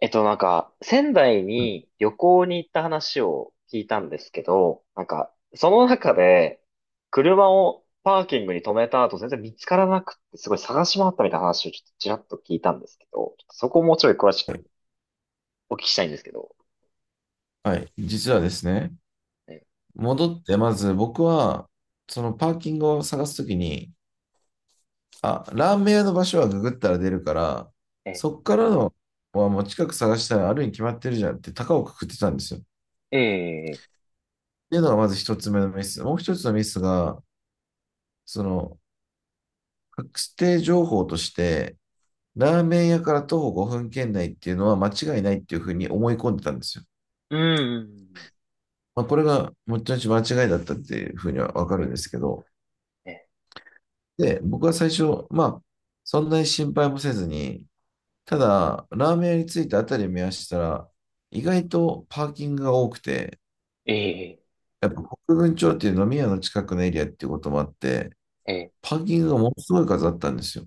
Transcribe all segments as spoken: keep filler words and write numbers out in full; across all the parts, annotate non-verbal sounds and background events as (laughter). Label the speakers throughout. Speaker 1: えっと、なんか、仙台
Speaker 2: はい
Speaker 1: に旅行に行った話を聞いたんですけど、なんか、その中で、車をパーキングに止めた後、全然見つからなくって、すごい探し回ったみたいな話をちょっとちらっと聞いたんですけど、ちょっとそこをもうちょい詳しくお聞きしたいんですけど。
Speaker 2: はい、実はですね、
Speaker 1: え、
Speaker 2: 戻って、まず僕は、そのパーキングを探すときに、あ、ラーメン屋の場所はググったら出るから、
Speaker 1: え、
Speaker 2: そっからのはもう近く探したらあるに決まってるじゃんって高をくくってたんですよ。っ
Speaker 1: ええ、
Speaker 2: ていうのがまず一つ目のミス。もう一つのミスが、その、確定情報として、ラーメン屋から徒歩ごふん圏内っていうのは間違いないっていうふうに思い込んでたんですよ。
Speaker 1: うん、
Speaker 2: まあ、これがもちろん間違いだったっていうふうにはわかるんですけど、
Speaker 1: え、
Speaker 2: で、僕は最初、まあ、そんなに心配もせずに、ただ、ラーメン屋に着いたあたりを見合したら、意外とパーキングが多くて、
Speaker 1: え、え、
Speaker 2: やっぱ国分町っていう飲み屋の近くのエリアっていうこともあって、
Speaker 1: え、
Speaker 2: パーキングがものすごい数あったんですよ。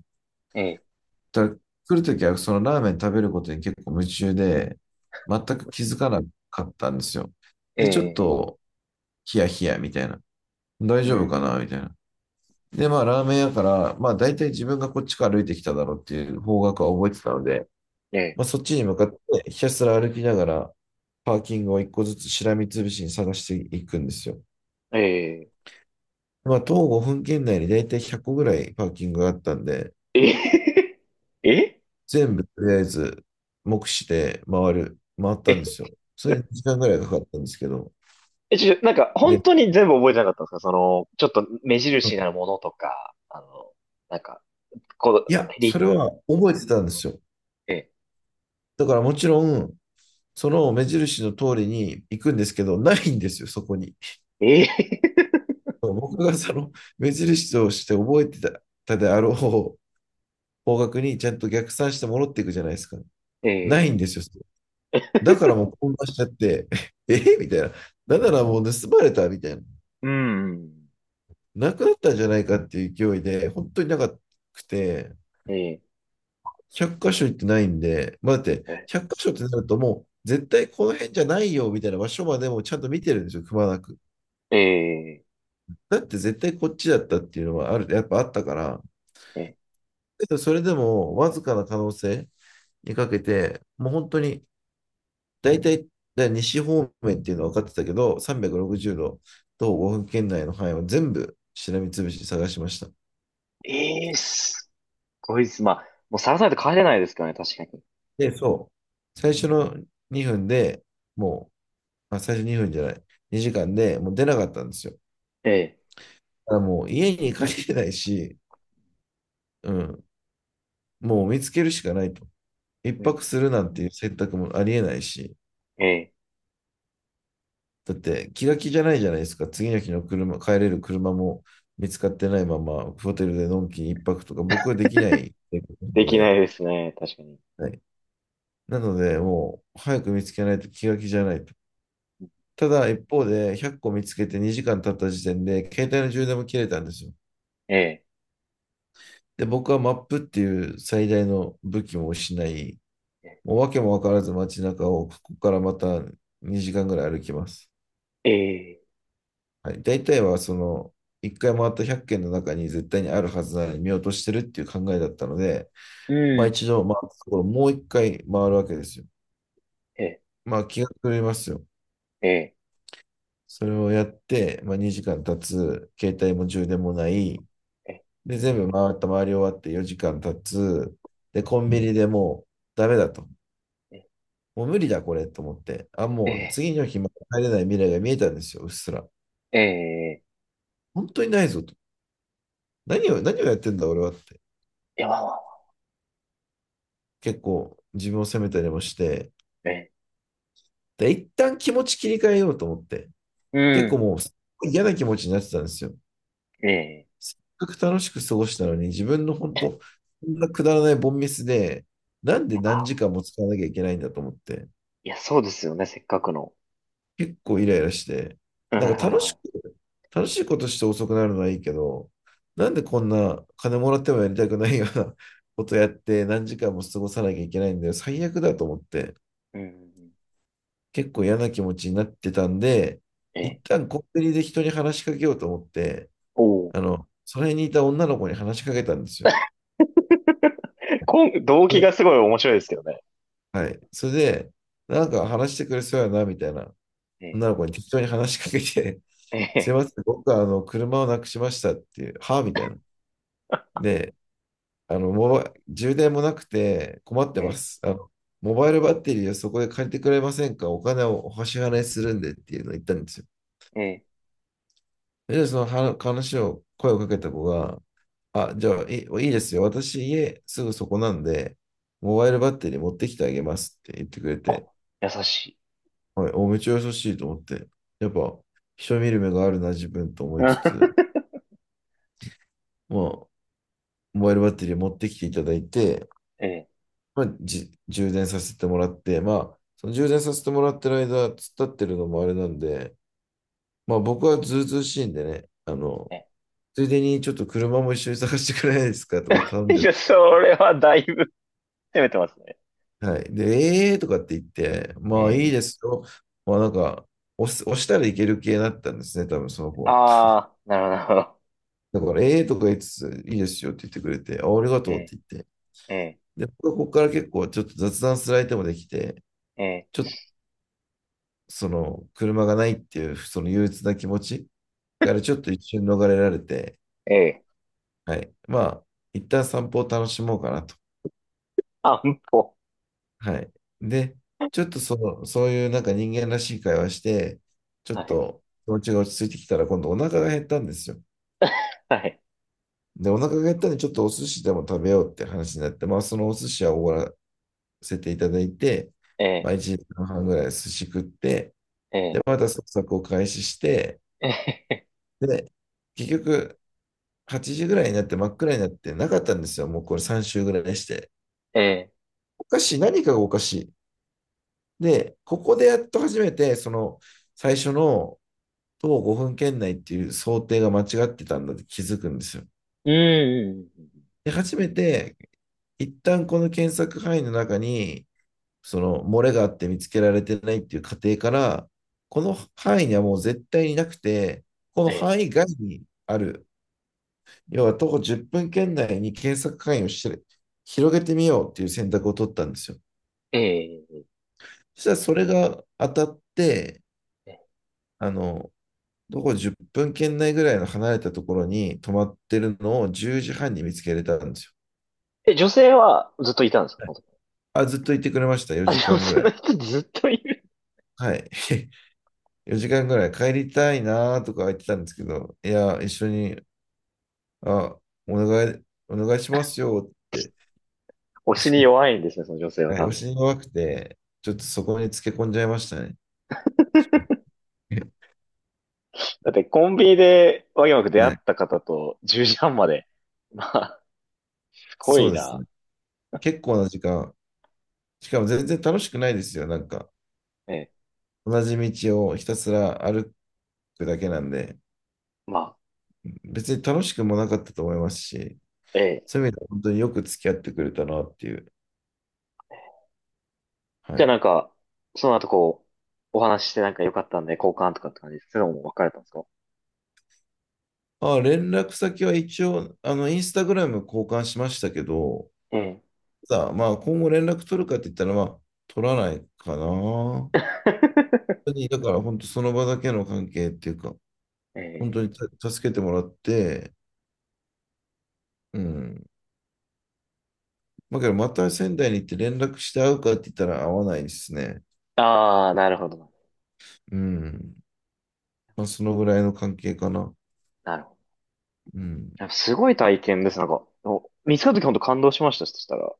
Speaker 1: え、え、
Speaker 2: だから来るときはそのラーメン食べることに結構夢中で、全く気づかなかったんですよ。で、ちょっ
Speaker 1: え、
Speaker 2: とヒヤヒヤみたいな。大
Speaker 1: う
Speaker 2: 丈夫か
Speaker 1: ん、
Speaker 2: なみたいな。で、まあラーメン屋から、まあ大体自分がこっちから歩いてきただろうっていう方角は覚えてたので、
Speaker 1: え、
Speaker 2: まあそっちに向かってひたすら歩きながら、パーキングを一個ずつしらみつぶしに探していくんですよ。
Speaker 1: え、え、
Speaker 2: まあ、徒歩ごふん圏内に大体ひゃっこぐらいパーキングがあったんで、
Speaker 1: え、え、
Speaker 2: 全部とりあえず目視で回る、回ったん
Speaker 1: え、
Speaker 2: ですよ。それに
Speaker 1: え
Speaker 2: にじかんぐらいかかったんですけど、
Speaker 1: え、ちょ、なんか、本
Speaker 2: で、
Speaker 1: 当に全部覚えてなかったんですかその、ちょっと目印になるものとか、あの、なんか、こ
Speaker 2: いや、
Speaker 1: う、
Speaker 2: そ
Speaker 1: り、
Speaker 2: れは覚えてたんですよ。
Speaker 1: え、
Speaker 2: だからもちろん、その目印の通りに行くんですけど、ないんですよ、そこに。(laughs)
Speaker 1: え
Speaker 2: 僕がその目印として覚えてたたであろう方角にちゃんと逆算して戻っていくじゃないですか。
Speaker 1: ー、(laughs)
Speaker 2: ない
Speaker 1: え
Speaker 2: んで
Speaker 1: ー、
Speaker 2: すよ。だからもう混乱しちゃって、(laughs) えみたいな。何ならもう盗まれたみたいな。
Speaker 1: うん、
Speaker 2: なくなったんじゃないかっていう勢いで、本当になかくて、
Speaker 1: えー、
Speaker 2: ひゃく箇所行ってないんで、まあ、だって、
Speaker 1: え、
Speaker 2: ひゃく箇所ってなるともう、絶対この辺じゃないよみたいな場所までもちゃんと見てるんですよ、くまなく。
Speaker 1: え
Speaker 2: だって絶対こっちだったっていうのはある、やっぱあったから、
Speaker 1: ー、え
Speaker 2: けどそれでもわずかな可能性にかけて、もう本当に大体、だ西方面っていうのは分かってたけど、さんびゃくろくじゅうど、とごふん圏内の範囲を全部しらみつぶしに探しました。
Speaker 1: ー、えー、すごいです。まあ、もうさらさないと帰れないですからね、確かに。
Speaker 2: で、そう、最初のにふんでもうまあ、最初にふんじゃない。にじかんでもう出なかったんですよ。だ
Speaker 1: え
Speaker 2: からもう家に帰れないし、うん、もう見つけるしかないと。一
Speaker 1: ー、う
Speaker 2: 泊
Speaker 1: ん、
Speaker 2: するなんていう選択もありえないし、
Speaker 1: え
Speaker 2: だって気が気じゃないじゃないですか。次の日の車、帰れる車も見つかってないまま、ホテルでのんきに一泊とか、僕はできない
Speaker 1: ー、で
Speaker 2: の
Speaker 1: きな
Speaker 2: で、
Speaker 1: いですね、確かに。
Speaker 2: はい。なので、もう早く見つけないと気が気じゃないと。ただ一方でひゃっこ見つけてにじかん経った時点で携帯の充電も切れたんですよ。
Speaker 1: え
Speaker 2: で、僕はマップっていう最大の武器も失い、
Speaker 1: ー、
Speaker 2: もう訳も分からず街中をここからまたにじかんぐらい歩きます。
Speaker 1: え
Speaker 2: はい、大体はそのいっかい回ったひゃく軒の中に絶対にあるはずなのに見落としてるっていう考えだったので、
Speaker 1: ー、
Speaker 2: まあ
Speaker 1: うん、
Speaker 2: 一度回ったところもういっかい回るわけですよ。
Speaker 1: え
Speaker 2: まあ気が狂いますよ。
Speaker 1: ー、え
Speaker 2: それをやって、まあ、にじかん経つ、携帯も充電もない、
Speaker 1: ー、え
Speaker 2: で、全部回った、回り終わってよじかん経つ、で、コンビニでもうダメだと。
Speaker 1: ー、え
Speaker 2: もう無理だ、これと思って。あ、もう
Speaker 1: ー、
Speaker 2: 次の日も帰れない未来が見えたんですよ、うっすら。
Speaker 1: えー、え
Speaker 2: 本当にないぞと。何を、何をやってんだ、俺はって。
Speaker 1: ー、やばわ、
Speaker 2: 結構自分を責めたりもして。
Speaker 1: え
Speaker 2: で、一旦気持ち切り替えようと思って。
Speaker 1: ー、う
Speaker 2: 結構
Speaker 1: ん、
Speaker 2: もうすごい嫌な気持ちになってたんですよ。せ
Speaker 1: え
Speaker 2: っかく楽しく過ごしたのに、自分の本当、こんなくだらないボンミスで、なん
Speaker 1: ー、
Speaker 2: で
Speaker 1: や
Speaker 2: 何時
Speaker 1: ば
Speaker 2: 間も使わなきゃいけないんだと思って。
Speaker 1: いや、そうですよね、せっかくの。
Speaker 2: 結構イライラして、
Speaker 1: うん
Speaker 2: な
Speaker 1: は
Speaker 2: ん
Speaker 1: い
Speaker 2: か
Speaker 1: はい
Speaker 2: 楽し
Speaker 1: は
Speaker 2: く、楽しいことして遅くなるのはいいけど、なんでこんな金もらってもやりたくないような (laughs) ことやって何時間も過ごさなきゃいけないんだよ。最悪だと思って、
Speaker 1: い。うんうんう
Speaker 2: 結構嫌な気持ちになってたんで、
Speaker 1: ん。
Speaker 2: 一
Speaker 1: え、
Speaker 2: 旦コンビニで人に話しかけようと思って、
Speaker 1: おお。
Speaker 2: あの、その辺にいた女の子に話しかけたんですよ。
Speaker 1: (laughs) こん、動
Speaker 2: で
Speaker 1: 機がすごい面白いですけどね。
Speaker 2: はい。それで、なんか話してくれそうやな、みたいな。
Speaker 1: え、
Speaker 2: 女の子に適当に話しかけて、
Speaker 1: え、
Speaker 2: (laughs) すい
Speaker 1: え
Speaker 2: ません、僕はあの、車をなくしましたっていう、はあみたいな。
Speaker 1: え、(laughs)
Speaker 2: で、あの、モバ、充電もなくて困ってます。あの、モバイルバッテリーをそこで借りてくれませんかお金をお支払いするんでっていうのを言ったんですよ。
Speaker 1: ええ、ええ、
Speaker 2: で、そのは話を、声をかけた子が、あ、じゃあ、いい、いいですよ。私、家すぐそこなんで、モバイルバッテリー持ってきてあげますって言ってくれ
Speaker 1: あ、
Speaker 2: て、
Speaker 1: 優しい。
Speaker 2: はい、お、めっちゃ優しいと思って、やっぱ、人見る目があるな、自分と思
Speaker 1: う
Speaker 2: い
Speaker 1: ん
Speaker 2: つつ、まあ、モバイルバッテリー持ってきていただいて、
Speaker 1: (laughs) え、
Speaker 2: まあ、じ充電させてもらって、まあ、その充電させてもらってる間、突っ立ってるのもあれなんで、まあ僕はずうずうしいんでね、あの、
Speaker 1: え、え
Speaker 2: ついでにちょっと車も一緒に探してくれないですかとか頼ん
Speaker 1: え、(laughs) い
Speaker 2: で
Speaker 1: や、それはだいぶ (laughs) 攻めてますね。
Speaker 2: はい。で、ええーとかって言って、
Speaker 1: え
Speaker 2: まあ
Speaker 1: え、
Speaker 2: いいですよ。まあなんか、押す押したらいける系だったんですね、多分その子は。
Speaker 1: あー、なるほど、(laughs) なるほど。
Speaker 2: だから、ええーとか言いつつ、いいですよって言ってくれて、あ、ありがとうっ
Speaker 1: え、
Speaker 2: て言って。
Speaker 1: え、
Speaker 2: で、僕はここから結構ちょっと雑談する相手もできて、
Speaker 1: ええ、
Speaker 2: ちょっとその車がないっていうその憂鬱な気持ちからちょっと一瞬逃れられて、
Speaker 1: ええ、ええ、
Speaker 2: はい。まあ、一旦散歩を楽しもうかなと。
Speaker 1: 安保。
Speaker 2: はい。で、ちょっとその、そういうなんか人間らしい会話して、ちょっ
Speaker 1: はい、
Speaker 2: と気持ちが落ち着いてきたら今度お腹が減ったんですよ。
Speaker 1: はい。
Speaker 2: で、お腹が減ったんでちょっとお寿司でも食べようって話になって、まあそのお寿司はおごらせていただいて、ま
Speaker 1: え、
Speaker 2: あいちじかんはんぐらい寿司食って、
Speaker 1: え、え
Speaker 2: で、
Speaker 1: え、
Speaker 2: また捜索を開始して、
Speaker 1: (laughs) ええ、
Speaker 2: で、結局はちじぐらいになって真っ暗になってなかったんですよ。もうこれさん週ぐらいして。
Speaker 1: ええ、
Speaker 2: おかしい、何かがおかしい。で、ここでやっと初めて、その、最初の徒歩ごふん圏内っていう想定が間違ってたんだって気づくんですよ。
Speaker 1: うん、うんうん
Speaker 2: で、初めて、一旦この検索範囲の中に、その漏れがあって見つけられてないっていう過程から、この範囲にはもう絶対になくて、この
Speaker 1: うん、え、
Speaker 2: 範囲外にある、要は徒歩じゅっぷん圏内に検索範囲をして広げてみようっていう選択を取ったんですよ。
Speaker 1: え、え
Speaker 2: そしたらそれが当たって、
Speaker 1: え、
Speaker 2: あの、どこじゅっぷん圏内ぐらいの離れたところに泊まってるのをじゅうじはんに見つけれたんですよ。
Speaker 1: え、女性はずっといたんですか？
Speaker 2: あ、ずっといてくれました、
Speaker 1: あ、
Speaker 2: 4時
Speaker 1: 女
Speaker 2: 間ぐ
Speaker 1: 性
Speaker 2: らい。
Speaker 1: の人ずっといる。
Speaker 2: はい。(laughs) よじかんぐらい帰りたいなーとか言ってたんですけど、いや、一緒に、あ、お願い、お願いしますよって、
Speaker 1: 推しに弱いんですね、その女性は
Speaker 2: はい、
Speaker 1: 多
Speaker 2: お
Speaker 1: 分。
Speaker 2: 尻が弱くて、ちょっとそこにつけ込んじゃいましたね。(laughs)
Speaker 1: だってコンビニでわけわく出会っ
Speaker 2: はい。
Speaker 1: た方とじゅうじはんまで。(laughs) まあ、すご
Speaker 2: そう
Speaker 1: い
Speaker 2: です
Speaker 1: な。
Speaker 2: ね。結構な時間。しかも全然楽しくないですよ。なんか、
Speaker 1: ええ。
Speaker 2: 同じ道をひたすら歩くだけなんで、
Speaker 1: まあ、
Speaker 2: 別に楽しくもなかったと思いますし、
Speaker 1: ええ。
Speaker 2: そういう意味では本当によく付き合ってくれたなっていう。は
Speaker 1: じゃあ
Speaker 2: い。
Speaker 1: なんか、その後こう、お話ししてなんか良かったんで交換とかって感じです、そういうのも別れたんですか？
Speaker 2: あ、連絡先は一応、あの、インスタグラム交換しましたけど、
Speaker 1: ええ。
Speaker 2: ただ、まあ、今後連絡取るかって言ったら、まあ、取らないかな。本
Speaker 1: (laughs)
Speaker 2: 当に、だから本当その場だけの関係っていうか、
Speaker 1: え
Speaker 2: 本当に
Speaker 1: え。
Speaker 2: た助けてもらって、うん。まあ、けど、また仙台に行って連絡して会うかって言ったら会わないですね。
Speaker 1: ああ、なるほど。
Speaker 2: うん。まあ、そのぐらいの関係かな。
Speaker 1: なるほど。
Speaker 2: うん。
Speaker 1: やっぱすごい体験です。なんか、お見つかった時本当感動しました、そしたら。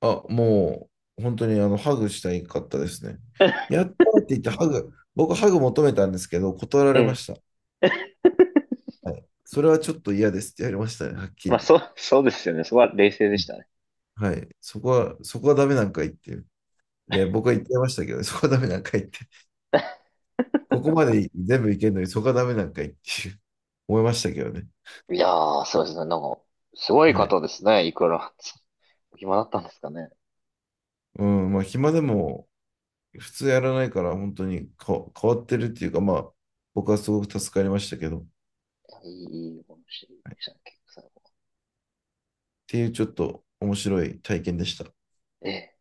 Speaker 2: あ、もう、本当にあの、ハグしたいかったですね。
Speaker 1: (laughs)
Speaker 2: やったーって言ってハグ、僕ハグ求めたんですけど、断ら
Speaker 1: え
Speaker 2: れま
Speaker 1: え。
Speaker 2: した。はい。それはちょっと嫌ですって言われましたね、はっき
Speaker 1: まあ、
Speaker 2: り。
Speaker 1: そう、そうですよね。そこは冷静で
Speaker 2: う
Speaker 1: し
Speaker 2: ん
Speaker 1: たね。
Speaker 2: はい。そこは、そこはダメなんか言っていう。いや、僕は言ってましたけどね (laughs) そこはダメなんか言って。ここまで全部いけるのに、そこはダメなんか言っていう (laughs) 思いましたけどね。
Speaker 1: いやー、そうですね。なんか、すごい
Speaker 2: はい。
Speaker 1: 方ですね。いくら。(laughs) お暇だったんですかね。
Speaker 2: うん、まあ、暇でも、普通やらないから、本当にか変わってるっていうか、まあ、僕はすごく助かりましたけど、っ
Speaker 1: いやいい、いいお話でしたね、結構最後。
Speaker 2: ていうちょっと面白い体験でした。
Speaker 1: ええ